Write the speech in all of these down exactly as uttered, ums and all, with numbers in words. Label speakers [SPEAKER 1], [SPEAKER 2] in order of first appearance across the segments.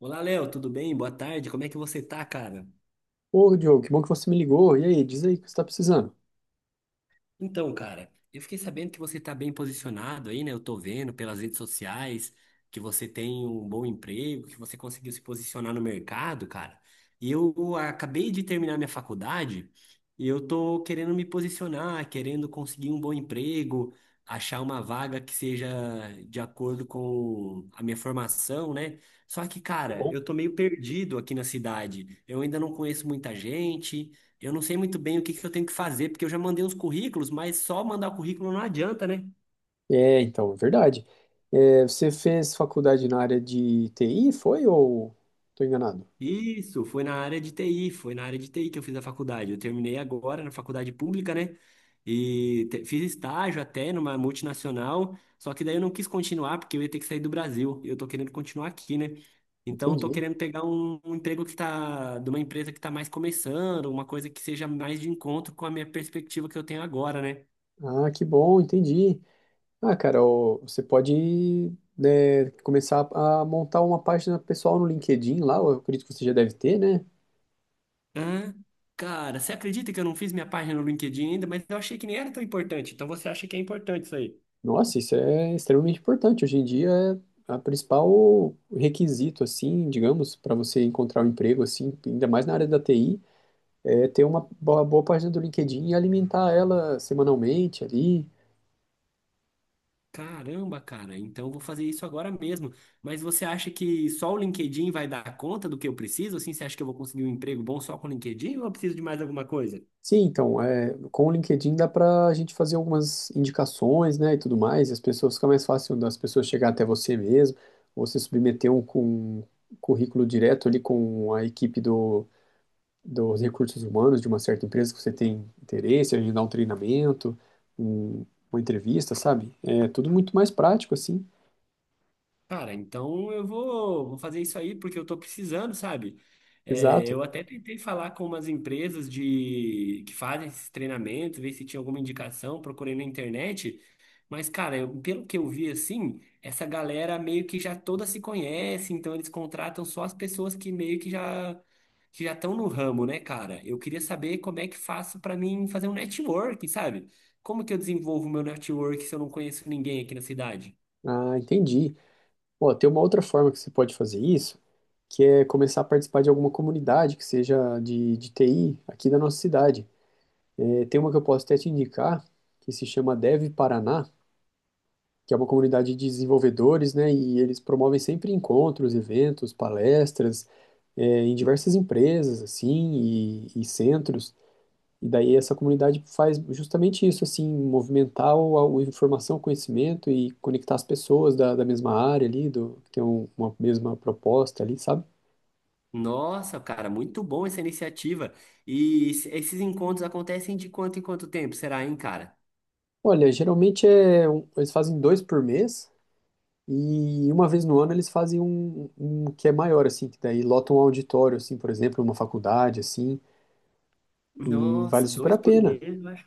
[SPEAKER 1] Olá, Léo, tudo bem? Boa tarde. Como é que você tá, cara?
[SPEAKER 2] Ô, Diogo, que bom que você me ligou. E aí, diz aí o que você está precisando.
[SPEAKER 1] Então, cara, eu fiquei sabendo que você tá bem posicionado aí, né? Eu tô vendo pelas redes sociais que você tem um bom emprego, que você conseguiu se posicionar no mercado, cara. E eu acabei de terminar minha faculdade e eu tô querendo me posicionar, querendo conseguir um bom emprego, achar uma vaga que seja de acordo com a minha formação, né? Só que, cara, eu tô meio perdido aqui na cidade. Eu ainda não conheço muita gente. Eu não sei muito bem o que que eu tenho que fazer, porque eu já mandei uns currículos, mas só mandar o currículo não adianta, né?
[SPEAKER 2] É, então, é verdade. É, você fez faculdade na área de T I, foi ou estou enganado?
[SPEAKER 1] Isso, foi na área de T I, foi na área de T I que eu fiz a faculdade. Eu terminei agora na faculdade pública, né? E te- fiz estágio até numa multinacional, só que daí eu não quis continuar, porque eu ia ter que sair do Brasil. Eu tô querendo continuar aqui, né? Então, eu tô
[SPEAKER 2] Entendi.
[SPEAKER 1] querendo pegar um, um emprego que tá, de uma empresa que tá mais começando, uma coisa que seja mais de encontro com a minha perspectiva que eu tenho agora, né?
[SPEAKER 2] Ah, que bom, entendi. Ah, cara, ô, você pode, né, começar a montar uma página pessoal no LinkedIn lá, eu acredito que você já deve ter, né?
[SPEAKER 1] Hã? Cara, você acredita que eu não fiz minha página no LinkedIn ainda, mas eu achei que nem era tão importante. Então você acha que é importante isso aí?
[SPEAKER 2] Nossa, isso é extremamente importante. Hoje em dia é a principal requisito, assim, digamos, para você encontrar um emprego, assim, ainda mais na área da T I. É, ter uma boa, boa página do LinkedIn e alimentar ela semanalmente ali.
[SPEAKER 1] Caramba, cara, então eu vou fazer isso agora mesmo. Mas você acha que só o LinkedIn vai dar conta do que eu preciso? Assim, você acha que eu vou conseguir um emprego bom só com o LinkedIn ou eu preciso de mais alguma coisa?
[SPEAKER 2] Sim, então, é, com o LinkedIn dá para a gente fazer algumas indicações, né, e tudo mais, e as pessoas fica mais fácil das pessoas chegar até você mesmo, ou você submeter um, com, um currículo direto ali com a equipe do, dos recursos humanos de uma certa empresa que você tem interesse, agendar um treinamento, um, uma entrevista, sabe? É tudo muito mais prático, assim.
[SPEAKER 1] Cara, então eu vou, vou fazer isso aí porque eu tô precisando, sabe? É,
[SPEAKER 2] Exato.
[SPEAKER 1] eu até tentei falar com umas empresas de que fazem esses treinamentos, ver se tinha alguma indicação, procurei na internet. Mas, cara, eu- pelo que eu vi assim, essa galera meio que já toda se conhece, então eles contratam só as pessoas que meio que já que já estão no ramo, né, cara? Eu queria saber como é que faço pra mim fazer um network, sabe? Como que eu desenvolvo meu network se eu não conheço ninguém aqui na cidade?
[SPEAKER 2] Ah, entendi. Ó, tem uma outra forma que você pode fazer isso, que é começar a participar de alguma comunidade que seja de, de T I aqui da nossa cidade. É, tem uma que eu posso até te indicar, que se chama Dev Paraná, que é uma comunidade de desenvolvedores, né? E eles promovem sempre encontros, eventos, palestras, é, em diversas empresas, assim, e, e centros. E daí essa comunidade faz justamente isso, assim, movimentar o, a informação, o conhecimento e conectar as pessoas da, da mesma área ali, do, que tem um- uma mesma proposta ali, sabe?
[SPEAKER 1] Nossa, cara, muito bom essa iniciativa. E es- esses encontros acontecem de quanto em quanto tempo, será, hein, cara?
[SPEAKER 2] Olha, geralmente é um- eles fazem dois por mês e uma vez no ano eles fazem um, um que é maior, assim, que daí lotam um auditório, assim, por exemplo, uma faculdade, assim, e vale
[SPEAKER 1] Nossa,
[SPEAKER 2] super
[SPEAKER 1] dois
[SPEAKER 2] a
[SPEAKER 1] por
[SPEAKER 2] pena.
[SPEAKER 1] mês, né?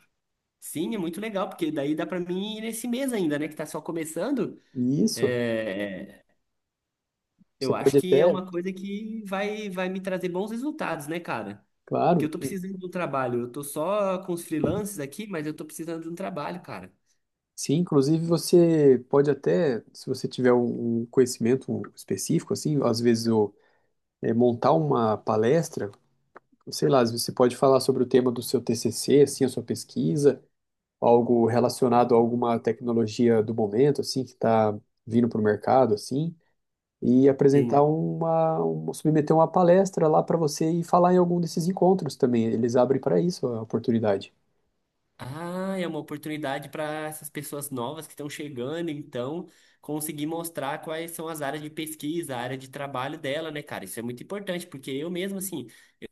[SPEAKER 1] Sim, é muito legal, porque daí dá pra mim ir nesse mês ainda, né, que tá só começando.
[SPEAKER 2] E isso,
[SPEAKER 1] É, é,
[SPEAKER 2] você
[SPEAKER 1] eu acho
[SPEAKER 2] pode
[SPEAKER 1] que é
[SPEAKER 2] até,
[SPEAKER 1] uma coisa que vai, vai me trazer bons resultados, né, cara? Porque
[SPEAKER 2] claro.
[SPEAKER 1] eu tô precisando de um trabalho. Eu tô só com os freelances aqui, mas eu tô precisando de um trabalho, cara.
[SPEAKER 2] Sim, inclusive você pode até, se você tiver um um conhecimento específico, assim, às vezes o- é, montar uma palestra, sei lá, às vezes você pode falar sobre o tema do seu T C C, assim, a sua pesquisa, algo relacionado a alguma tecnologia do momento, assim, que está vindo para o mercado, assim, e apresentar
[SPEAKER 1] Sim.
[SPEAKER 2] uma, um- submeter uma palestra lá para você e falar em algum desses encontros também. Eles abrem para isso a oportunidade.
[SPEAKER 1] Ah, é uma oportunidade para essas pessoas novas que estão chegando, então, conseguir mostrar quais são as áreas de pesquisa, a área de trabalho dela, né, cara? Isso é muito importante, porque eu mesmo, assim,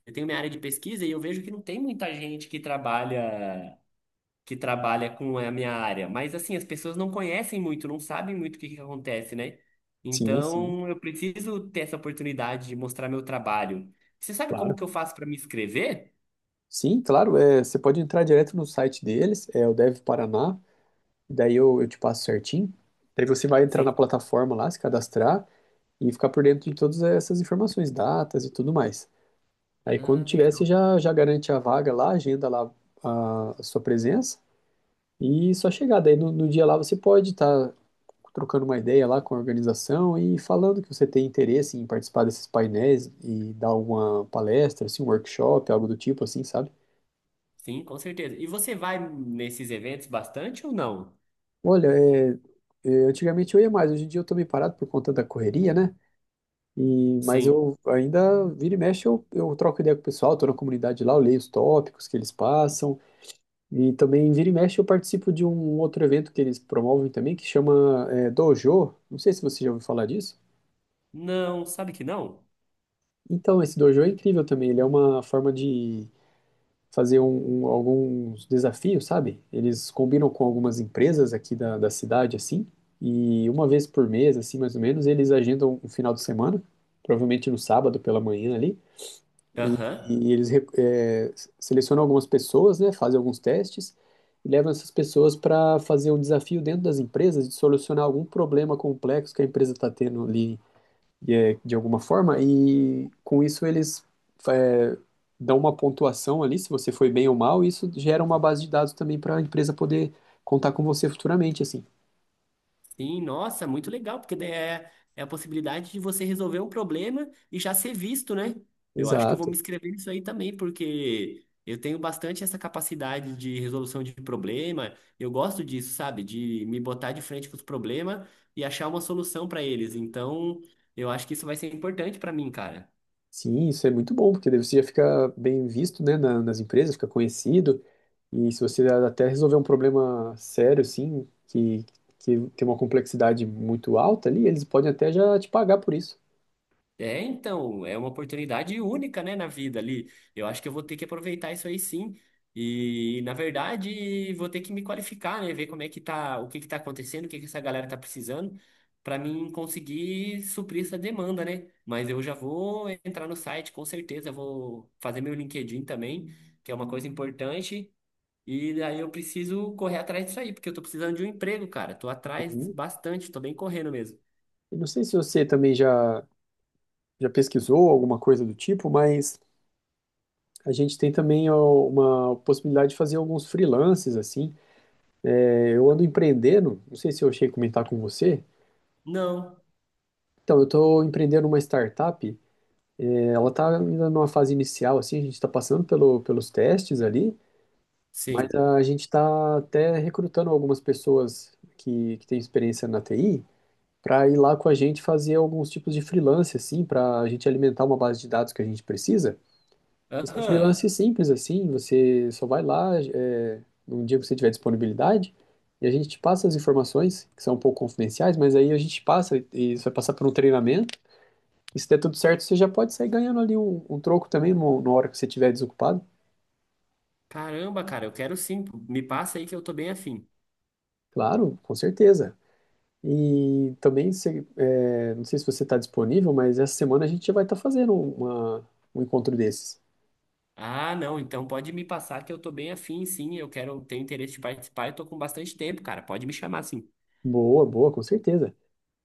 [SPEAKER 1] eu tenho minha área de pesquisa e eu vejo que não tem muita gente que trabalha, que trabalha com a minha área. Mas, assim, as pessoas não conhecem muito, não sabem muito o que que acontece, né?
[SPEAKER 2] Sim, sim,
[SPEAKER 1] Então, eu preciso ter essa oportunidade de mostrar meu trabalho. Você sabe
[SPEAKER 2] Claro.
[SPEAKER 1] como que eu faço para me inscrever?
[SPEAKER 2] Sim, claro, é, você pode entrar direto no site deles, é o Dev Paraná, daí eu, eu te passo certinho. Daí você vai entrar na
[SPEAKER 1] Sim.
[SPEAKER 2] plataforma lá, se cadastrar e ficar por dentro de todas essas informações, datas e tudo mais. Aí quando
[SPEAKER 1] Ah.
[SPEAKER 2] tiver, você já, já garante a vaga lá, agenda lá a, a sua presença e só chegar. Daí no, no dia lá você pode estar trocando uma ideia lá com a organização e falando que você tem interesse em participar desses painéis e dar alguma palestra, assim, um workshop, algo do tipo assim, sabe?
[SPEAKER 1] Sim, com certeza. E você vai nesses eventos bastante ou não?
[SPEAKER 2] Olha, é, é, antigamente eu ia mais, hoje em dia eu tô meio parado por conta da correria, né? E, mas
[SPEAKER 1] Sim.
[SPEAKER 2] eu ainda, vira e mexe, eu, eu troco ideia com o pessoal, tô na comunidade lá, eu leio os tópicos que eles passam, e também vira e mexe eu participo de um outro evento que eles promovem também, que chama é, Dojo, não sei se você já ouviu falar disso.
[SPEAKER 1] Não, sabe que não?
[SPEAKER 2] Então, esse Dojo é incrível também, ele é uma forma de fazer um- um- alguns desafios, sabe? Eles combinam com algumas empresas aqui da, da cidade, assim, e uma vez por mês, assim, mais ou menos, eles agendam um final de semana, provavelmente no sábado pela manhã ali, e,
[SPEAKER 1] Aham.
[SPEAKER 2] e eles re- é, selecionam algumas pessoas, né? Fazem alguns testes e levam essas pessoas para fazer um desafio dentro das empresas de solucionar algum problema complexo que a empresa está tendo ali e é, de alguma forma, e com isso eles é, dão uma pontuação ali, se você foi bem ou mal, e isso gera uma base de dados também para a empresa poder contar com você futuramente, assim.
[SPEAKER 1] Sim, nossa, muito legal, porque daí é, é a possibilidade de você resolver um problema e já ser visto, né? Eu acho que eu vou
[SPEAKER 2] Exato.
[SPEAKER 1] me inscrever nisso aí também, porque eu tenho bastante essa capacidade de resolução de problema. Eu gosto disso, sabe? De me botar de frente com os problemas e achar uma solução para eles. Então, eu acho que isso vai ser importante para mim, cara.
[SPEAKER 2] Sim, isso é muito bom, porque daí você já fica bem visto, né, na- nas empresas, fica conhecido, e se você até resolver um problema sério, assim, que, que tem uma complexidade muito alta ali, eles podem até já te pagar por isso.
[SPEAKER 1] É, então, é uma oportunidade única, né, na vida ali. Eu acho que eu vou ter que aproveitar isso aí sim. E, na verdade, vou ter que me qualificar, né, ver como é que tá, o que que tá acontecendo, o que que essa galera tá precisando, para mim conseguir suprir essa demanda, né? Mas eu já vou entrar no site, com certeza, vou fazer meu LinkedIn também, que é uma coisa importante. E daí eu preciso correr atrás disso aí, porque eu tô precisando de um emprego, cara. Tô atrás
[SPEAKER 2] Sim.
[SPEAKER 1] bastante, tô bem correndo mesmo.
[SPEAKER 2] E não sei se você também já, já pesquisou alguma coisa do tipo, mas a gente tem também ó, uma possibilidade de fazer alguns freelances, assim. É, eu ando empreendendo, não sei se eu cheguei a comentar com você.
[SPEAKER 1] Não,
[SPEAKER 2] Então, eu estou empreendendo uma startup. É, ela está ainda numa fase inicial, assim, a gente está passando pelo, pelos testes ali, mas
[SPEAKER 1] sim.
[SPEAKER 2] a gente está até recrutando algumas pessoas que, que têm experiência na T I para ir lá com a gente fazer alguns tipos de freelance, assim, para a gente alimentar uma base de dados que a gente precisa. E são
[SPEAKER 1] Aham.
[SPEAKER 2] freelances simples assim, você só vai lá, é, um dia que você tiver disponibilidade, e a gente te passa as informações, que são um pouco confidenciais, mas aí a gente passa, e e isso vai passar por um treinamento, e se der tudo certo, você já pode sair ganhando ali um, um troco também no- na hora que você estiver desocupado.
[SPEAKER 1] Caramba, cara, eu quero sim. Me passa aí que eu tô bem afim.
[SPEAKER 2] Claro, com certeza. E também, se, é, não sei se você está disponível, mas essa semana a gente já vai estar fazendo uma, um encontro desses.
[SPEAKER 1] Ah, não, então pode me passar que eu tô bem afim, sim. Eu quero, tenho interesse de participar e tô com bastante tempo, cara. Pode me chamar, sim.
[SPEAKER 2] Boa, boa, com certeza.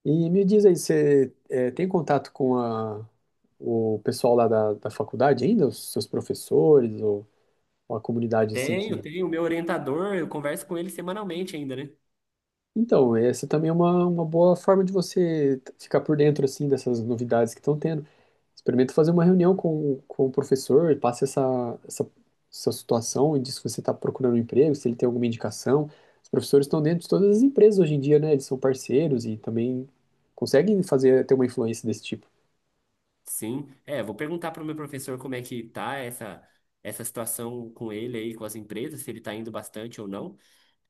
[SPEAKER 2] E me diz aí, você eh, tem contato com a, o pessoal lá da, da faculdade ainda? Os seus professores ou ou a comunidade assim
[SPEAKER 1] Tenho,
[SPEAKER 2] que...
[SPEAKER 1] tenho. O meu orientador, eu converso com ele semanalmente ainda, né?
[SPEAKER 2] Então, essa também é uma, uma boa forma de você t- ficar por dentro assim dessas novidades que estão tendo. Experimenta fazer uma reunião com, com o professor, e passe essa, essa, essa situação e diz que você está procurando um emprego, se ele tem alguma indicação. Os professores estão dentro de todas as empresas hoje em dia, né? Eles são parceiros e também conseguem fazer, ter uma influência desse tipo.
[SPEAKER 1] Sim. É, vou perguntar pro meu professor como é que tá essa, essa situação com ele aí, com as empresas, se ele tá indo bastante ou não.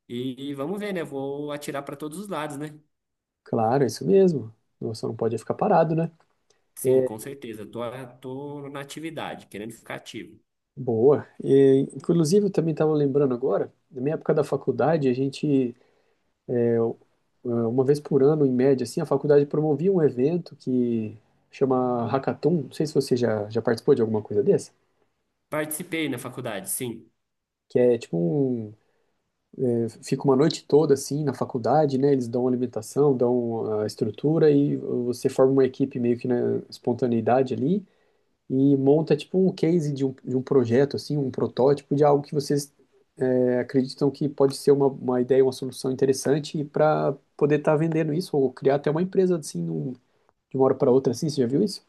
[SPEAKER 1] E, e vamos ver, né? Vou atirar pra todos os lados, né?
[SPEAKER 2] Claro, é isso mesmo. Você não pode ficar parado, né?
[SPEAKER 1] Sim, com certeza. Tô, tô na atividade, querendo ficar ativo.
[SPEAKER 2] Boa. E, inclusive, eu também estava lembrando agora, na minha época da faculdade, a gente, é, u- é, uma vez por ano, em média, assim, a faculdade promovia um evento que chama Hackathon. Não sei se você já, já participou de alguma coisa dessa.
[SPEAKER 1] Participei na faculdade, sim.
[SPEAKER 2] Que é tipo um. é, Fica uma noite toda, assim, na faculdade, né? Eles dão alimentação, dão a estrutura e você forma uma equipe meio que na espontaneidade ali. E monta tipo um case de um, de um projeto, assim, um protótipo de algo que vocês é, acreditam que pode ser uma, uma ideia, uma solução interessante para poder estar vendendo isso ou criar até uma empresa assim num- de uma hora para outra, assim, você já viu isso?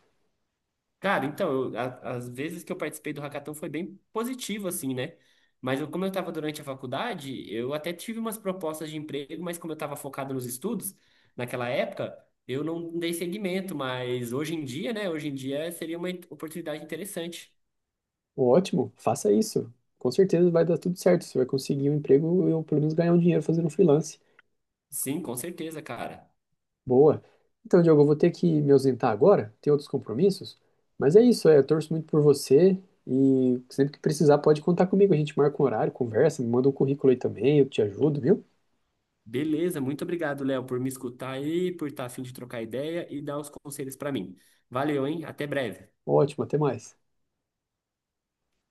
[SPEAKER 1] Cara, então, eu, a- as vezes que eu participei do hackathon foi bem positivo, assim, né? Mas eu, como eu estava durante a faculdade, eu até tive umas propostas de emprego, mas como eu estava focado nos estudos, naquela época, eu não dei seguimento. Mas hoje em dia, né? Hoje em dia seria uma oportunidade interessante.
[SPEAKER 2] Ótimo, faça isso. Com certeza vai dar tudo certo. Você vai conseguir um emprego ou pelo menos ganhar um dinheiro fazendo freelance.
[SPEAKER 1] Sim, com certeza, cara.
[SPEAKER 2] Boa. Então, Diogo, eu vou ter que me ausentar agora, tenho outros compromissos, mas é isso, é, eu torço muito por você e sempre que precisar pode contar comigo, a gente marca um horário, conversa, me manda um currículo aí também, eu te ajudo, viu?
[SPEAKER 1] Beleza, muito obrigado, Léo, por me escutar aí, por estar afim de trocar ideia e dar os conselhos para mim. Valeu, hein? Até breve.
[SPEAKER 2] Ótimo, até mais.